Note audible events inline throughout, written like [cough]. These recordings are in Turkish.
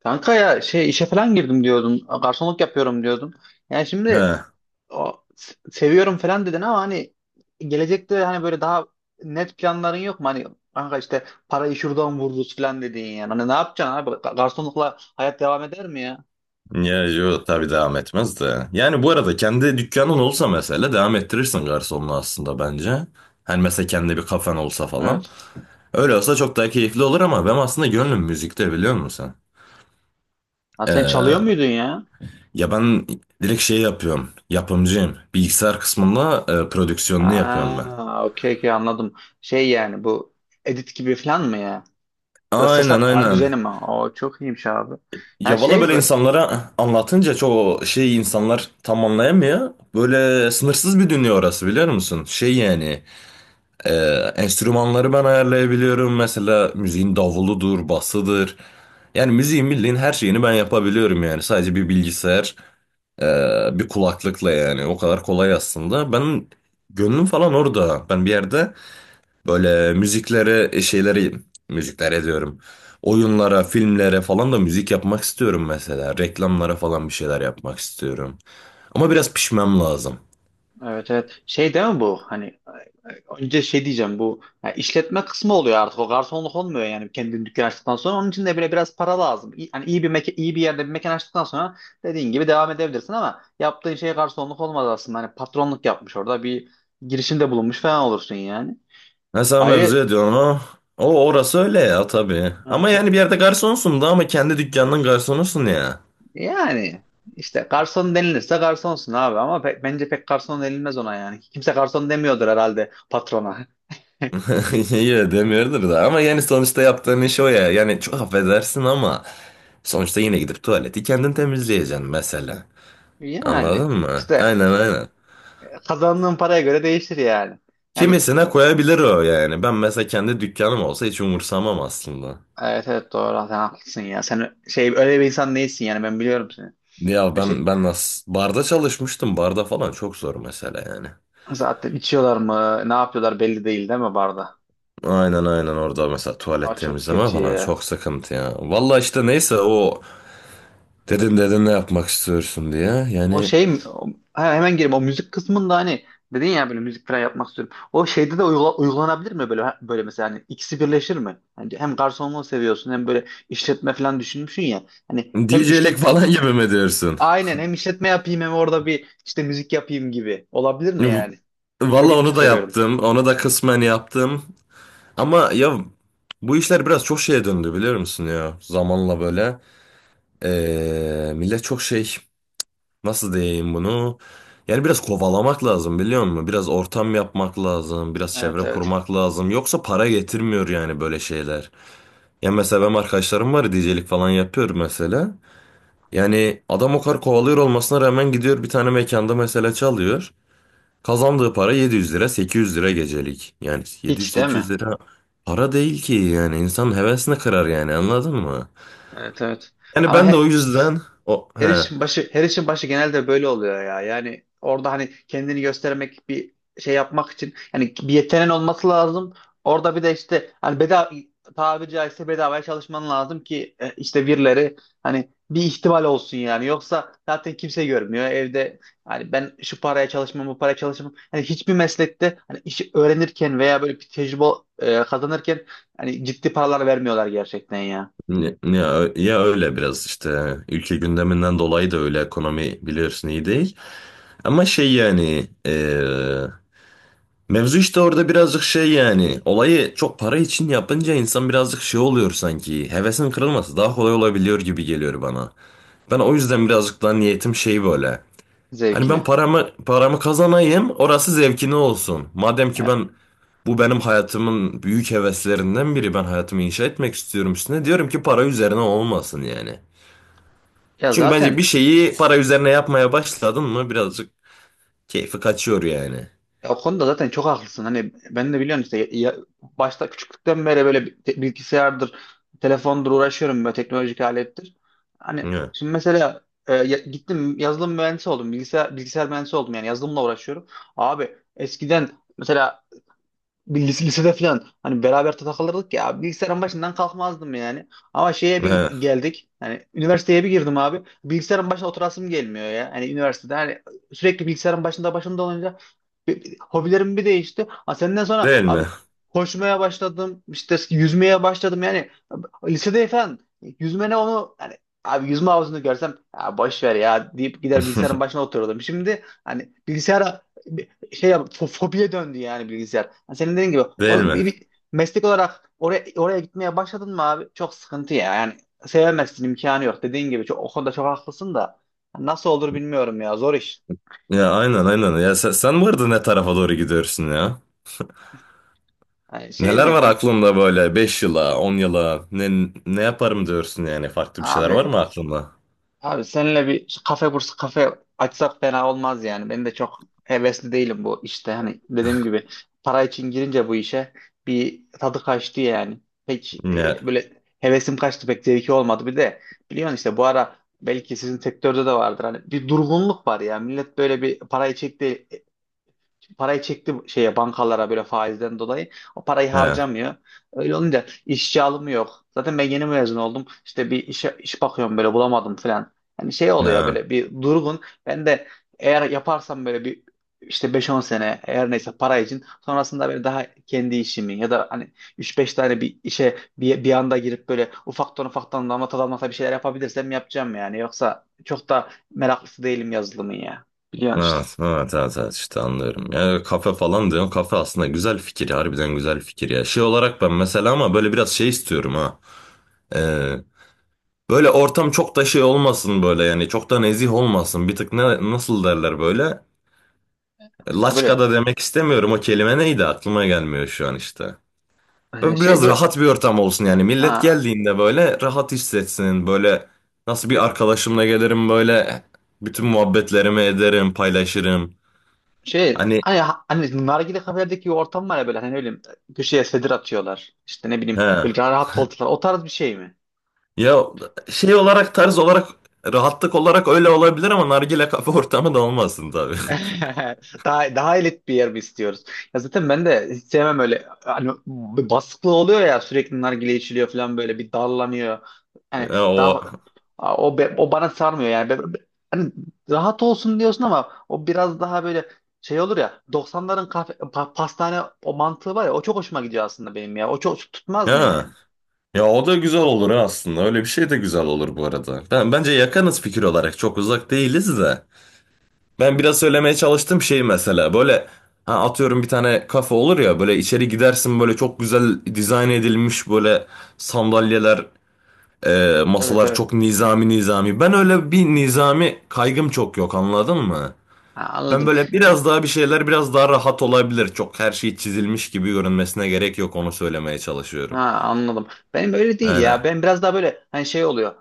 Kanka ya şey işe falan girdim diyordun. Garsonluk yapıyorum diyordun. Yani şimdi He. o, seviyorum falan dedin ama hani gelecekte hani böyle daha net planların yok mu? Hani kanka işte parayı şuradan vururuz falan dediğin yani. Hani ne yapacaksın abi? Garsonlukla hayat devam eder mi ya? Ya yo tabii devam etmez de. Yani bu arada kendi dükkanın olsa mesela devam ettirirsin garsonluğu aslında bence. Hani mesela kendi bir kafen olsa falan. Evet. Öyle olsa çok daha keyifli olur ama ben aslında gönlüm müzikte biliyor musun? Ha, sen çalıyor Ee, muydun ya? Ya ben direkt şey yapıyorum. Yapımcıyım. Bilgisayar kısmında prodüksiyonunu yapıyorum ben. Ha, okey okey anladım. Şey yani bu edit gibi falan mı ya? Ya da ses Aynen aynen. düzeni mi? O çok iyiymiş abi. Ha Ya valla şey böyle z- insanlara anlatınca çoğu şey insanlar tam anlayamıyor. Böyle sınırsız bir dünya orası biliyor musun? Şey yani. Ee, Enstrümanları ben ayarlayabiliyorum. Mesela müziğin davuludur, basıdır. Yani müziğin bildiğin her şeyini ben yapabiliyorum yani. Sadece bir bilgisayar, e, bir kulaklıkla yani. O kadar kolay aslında. Ben gönlüm falan orada. Ben bir yerde böyle müziklere, şeyleri, müziklere diyorum. Oyunlara, filmlere falan da müzik yapmak istiyorum mesela. Reklamlara falan bir şeyler yapmak istiyorum. Ama biraz pişmem lazım. evet, evet. Şey değil mi bu? Hani önce şey diyeceğim bu ya, işletme kısmı oluyor artık, o garsonluk olmuyor yani. Kendin dükkan açtıktan sonra onun için de bile biraz para lazım. Hani iyi bir meke, iyi bir yerde bir mekan açtıktan sonra dediğin gibi devam edebilirsin ama yaptığın şey garsonluk olmaz aslında. Hani patronluk yapmış, orada bir girişimde bulunmuş falan olursun yani. Mesela mevzu Ayrı ediyorsun ha. Orası öyle ya tabii. Ama evet, evet. yani bir yerde garsonsun da ama kendi dükkanının garsonusun ya. Yani işte garson denilirse garsonsun abi ama bence pek garson denilmez ona yani. Kimse garson demiyordur herhalde patrona. [laughs] [laughs] Yine demiyordur da ama yani sonuçta yaptığın iş o ya. Yani çok affedersin ama sonuçta yine gidip tuvaleti kendin temizleyeceksin mesela. Yani Anladın mı? işte Aynen aynen. kazandığın paraya göre değişir yani. Yani Kimisine koyabilir o yani. Ben mesela kendi dükkanım olsa hiç umursamam aslında. evet evet, doğru, sen haklısın ya. Sen şey öyle bir insan değilsin yani, ben biliyorum seni. Ya Ya Şey, ben nasıl barda çalışmıştım. Barda falan çok zor mesela yani. zaten içiyorlar mı ne yapıyorlar belli değil, değil mi, barda? Aynen aynen, orada mesela tuvalet Aa, çok temizleme kötü falan ya. çok sıkıntı ya. Valla işte neyse o dedin ne yapmak istiyorsun diye. O Yani şey mi? Hemen gireyim o müzik kısmında, hani dedin ya böyle müzik falan yapmak istiyorum. O şeyde de uygulanabilir mi böyle böyle mesela? Hani ikisi birleşir mi? Hani hem garsonluğu seviyorsun hem böyle işletme falan düşünmüşsün ya. Hani hem DJ'lik işlet falan [laughs] gibi mi diyorsun? aynen, hem işletme yapayım hem orada bir işte müzik yapayım gibi. Olabilir mi yani? Valla Bilmediğim için onu da soruyorum. yaptım. Onu da kısmen yaptım. Ama ya bu işler biraz çok şeye döndü biliyor musun ya? Zamanla böyle. Millet çok şey, nasıl diyeyim bunu? Yani biraz kovalamak lazım biliyor musun? Biraz ortam yapmak lazım. Biraz çevre Evet evet. kurmak lazım. Yoksa para getirmiyor yani böyle şeyler. Ya mesela benim arkadaşlarım var, DJ'lik falan yapıyor mesela. Yani adam o kadar kovalıyor olmasına rağmen gidiyor bir tane mekanda mesela çalıyor. Kazandığı para 700 lira, 800 lira gecelik. Yani 700 Hiç değil sekiz mi? yüz lira para değil ki yani insanın hevesini kırar yani anladın mı? Evet evet. Yani Ama ben de o yüzden o her he işin başı her işin başı genelde böyle oluyor ya. Yani orada hani kendini göstermek, bir şey yapmak için yani bir yeteneğin olması lazım. Orada bir de işte hani bedava, tabiri caizse bedavaya çalışman lazım ki işte birileri hani, bir ihtimal olsun yani. Yoksa zaten kimse görmüyor evde. Hani ben şu paraya çalışmam, bu paraya çalışmam. Hani hiçbir meslekte hani işi öğrenirken veya böyle bir tecrübe kazanırken hani ciddi paralar vermiyorlar gerçekten ya, ya öyle biraz işte ülke gündeminden dolayı da, öyle ekonomi biliyorsun, iyi değil. Ama şey yani mevzu işte orada birazcık şey, yani olayı çok para için yapınca insan birazcık şey oluyor sanki, hevesin kırılması daha kolay olabiliyor gibi geliyor bana. Ben o yüzden birazcık daha niyetim şey böyle. Hani ben zevkine. paramı kazanayım, orası zevkine olsun. Madem E, ki ben, bu benim hayatımın büyük heveslerinden biri, ben hayatımı inşa etmek istiyorum üstüne, diyorum ki para üzerine olmasın yani. Ya Çünkü bence zaten, bir şeyi para üzerine yapmaya başladın mı birazcık keyfi kaçıyor yani. ya o konuda zaten çok haklısın. Hani ben de biliyorsun işte başta, küçüklükten beri böyle bilgisayardır, telefondur uğraşıyorum, böyle teknolojik alettir. Hani Hı. şimdi mesela gittim, yazılım mühendisi oldum. Bilgisayar mühendisi oldum yani, yazılımla uğraşıyorum. Abi eskiden mesela lisede falan hani beraber takılırdık ya, bilgisayarın başından kalkmazdım yani. Ama şeye bir Hı. geldik. Hani üniversiteye bir girdim abi, bilgisayarın başına oturasım gelmiyor ya. Hani üniversitede hani sürekli bilgisayarın başında olunca hobilerim bir değişti. Ha, senden sonra Değil abi mi? koşmaya başladım. İşte yüzmeye başladım yani. Lisede falan yüzme ne, onu hani, abi yüzme havuzunu görsem ya boş ver ya deyip gider bilgisayarın [laughs] başına otururdum. Şimdi hani bilgisayara fobiye döndü yani bilgisayar. Yani senin dediğin gibi Değil o, mi? bir, bir meslek olarak oraya gitmeye başladın mı abi, çok sıkıntı ya. Yani sevemezsin, imkanı yok. Dediğin gibi çok, o konuda çok haklısın da nasıl olur bilmiyorum ya, zor iş. Ya aynen aynen. Ya sen bu arada ne tarafa doğru gidiyorsun ya? Yani şey Neler mi? var He, aklında böyle, 5 yıla, 10 yıla ne yaparım diyorsun yani, farklı bir şeyler abi var mı aklında? Abi seninle bir kafe açsak fena olmaz yani. Ben de çok hevesli değilim bu işte. Hani dediğim gibi para için girince bu işe bir tadı kaçtı yani. Pek Ya böyle hevesim kaçtı, pek zevki olmadı. Bir de biliyorsun işte bu ara, belki sizin sektörde de vardır. Hani bir durgunluk var ya. Millet böyle bir parayı çekti şeye, bankalara böyle faizden dolayı. O parayı he, harcamıyor. Öyle olunca işçi alımı yok. Zaten ben yeni mezun oldum. İşte bir işe, iş bakıyorum böyle, bulamadım falan. Hani şey oluyor he. böyle, bir durgun. Ben de eğer yaparsam böyle bir işte beş on sene, eğer neyse para için, sonrasında böyle daha kendi işimi ya da hani üç beş tane bir işe bir anda girip böyle ufaktan ufaktan damlata damlata bir şeyler yapabilirsem yapacağım yani. Yoksa çok da meraklısı değilim yazılımın ya. Biliyorsun işte. Evet, evet, evet, evet, işte anlıyorum. Ya kafe falan diyorsun. Kafe aslında güzel fikir. Harbiden güzel fikir ya. Şey olarak ben mesela, ama böyle biraz şey istiyorum ha. Ee, Böyle ortam çok da şey olmasın böyle yani. Çok da nezih olmasın. Bir tık, ne, nasıl derler böyle. Ha Laçka böyle da demek istemiyorum. O kelime neydi? Aklıma gelmiyor şu an işte. Böyle şey biraz böyle, rahat bir ortam olsun yani. Millet ha, geldiğinde böyle rahat hissetsin. Böyle, nasıl, bir arkadaşımla gelirim böyle, bütün muhabbetlerimi ederim, paylaşırım. şey Hani hani nargile kafelerdeki ortam var ya böyle, hani öyle köşeye sedir atıyorlar. İşte ne bileyim, he. böyle rahat koltuklar, o tarz bir şey mi? Ya şey olarak, tarz olarak, rahatlık olarak öyle olabilir ama nargile kafe [laughs] ortamı da olmasın tabii. [laughs] [laughs] Daha elit bir yer mi istiyoruz? Ya zaten ben de hiç sevmem öyle. Hani bir baskılı oluyor ya, sürekli nargile içiliyor falan, böyle bir darlanıyor. Yani Ya o daha o bana sarmıyor yani. Hani rahat olsun diyorsun ama o biraz daha böyle şey olur ya, doksanların kafe, pastane o mantığı var ya, o çok hoşuma gidiyor aslında benim ya. O çok tutmaz mı ha. yani? Ya o da güzel olur ha aslında. Öyle bir şey de güzel olur bu arada. Bence yakınız fikir olarak. Çok uzak değiliz de. Ben biraz söylemeye çalıştım şey, mesela böyle, ha atıyorum bir tane kafe olur ya, böyle içeri gidersin, böyle çok güzel dizayn edilmiş, böyle sandalyeler, Evet masalar evet. çok nizami nizami. Ben öyle bir nizami kaygım çok yok, anladın mı? Ha, Ben anladım. böyle biraz daha, bir şeyler biraz daha rahat olabilir. Çok her şey çizilmiş gibi görünmesine gerek yok, onu söylemeye Ha, çalışıyorum. anladım. Benim öyle değil Aynen. ya. Ben biraz daha böyle hani şey oluyor.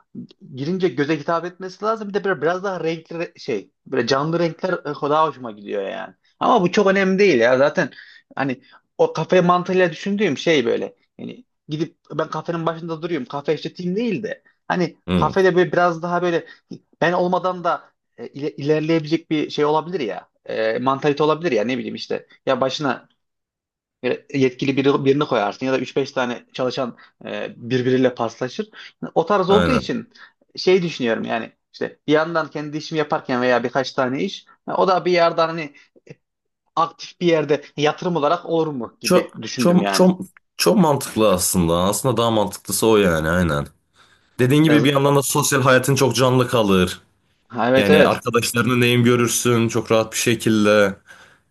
Girince göze hitap etmesi lazım. Bir de böyle biraz daha renkli, şey, böyle canlı renkler daha hoşuma gidiyor yani. Ama bu çok önemli değil ya. Zaten hani o kafe mantığıyla düşündüğüm şey böyle. Yani gidip ben kafenin başında duruyorum, kafe işleteyim değil de. Hani Hı, kafede böyle biraz daha böyle ben olmadan da ilerleyebilecek bir şey olabilir ya. Mantalite olabilir ya, ne bileyim işte. Ya başına böyle yetkili biri, birini koyarsın, ya da üç beş tane çalışan birbiriyle paslaşır. O tarz olduğu aynen. için şey düşünüyorum yani, işte bir yandan kendi işimi yaparken veya birkaç tane iş, ha, o da bir yerden hani aktif bir yerde yatırım olarak olur mu Çok gibi düşündüm çok yani. çok çok mantıklı aslında. Aslında daha mantıklısı o yani, aynen. Dediğin E, gibi bir yandan da sosyal hayatın çok canlı kalır. ha, Evet, Yani evet. arkadaşlarını neyim görürsün çok rahat bir şekilde.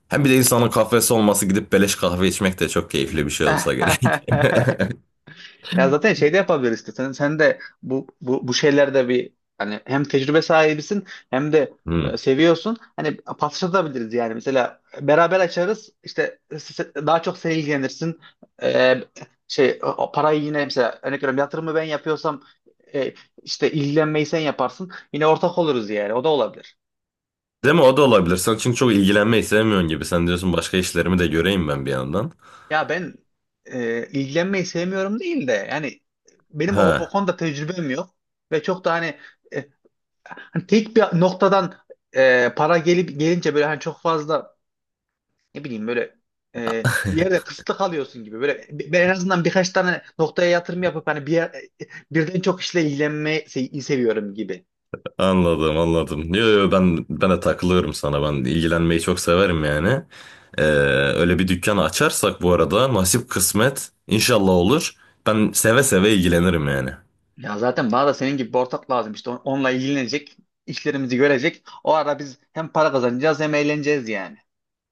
Hem bir de insanın kahvesi olması, gidip beleş kahve içmek de çok keyifli bir şey olsa gerek. [laughs] [laughs] Ya zaten şey de yapabiliriz işte. Sen de bu şeylerde bir hani hem tecrübe sahibisin hem de Hmm. Seviyorsun. Hani paslaşabiliriz yani. Mesela beraber açarız. İşte daha çok sen ilgilenirsin. E, şey o parayı, yine mesela örnek veriyorum, yatırımı ben yapıyorsam e, işte ilgilenmeyi sen yaparsın. Yine ortak oluruz yani. O da olabilir. Değil mi? O da olabilir. Sen çünkü çok ilgilenmeyi sevmiyorsun gibi. Sen diyorsun, başka işlerimi de göreyim ben bir yandan. Ya ben ilgilenmeyi sevmiyorum değil de yani, benim o Ha, konuda tecrübem yok ve çok da hani e, tek bir noktadan para gelip gelince böyle hani çok fazla, ne bileyim böyle, bir yerde kısıtlı kalıyorsun gibi. Böyle ben en azından birkaç tane noktaya yatırım yapıp hani bir yer, e, birden çok işle ilgilenmeyi seviyorum gibi. anladım anladım. Yo, yo, ben de takılıyorum sana. Ben ilgilenmeyi çok severim yani. Ee, Öyle bir dükkan açarsak bu arada, nasip kısmet inşallah olur. Ben seve seve ilgilenirim yani. Ya zaten bana da senin gibi bir ortak lazım. İşte onunla ilgilenecek, işlerimizi görecek. O ara biz hem para kazanacağız hem eğleneceğiz yani.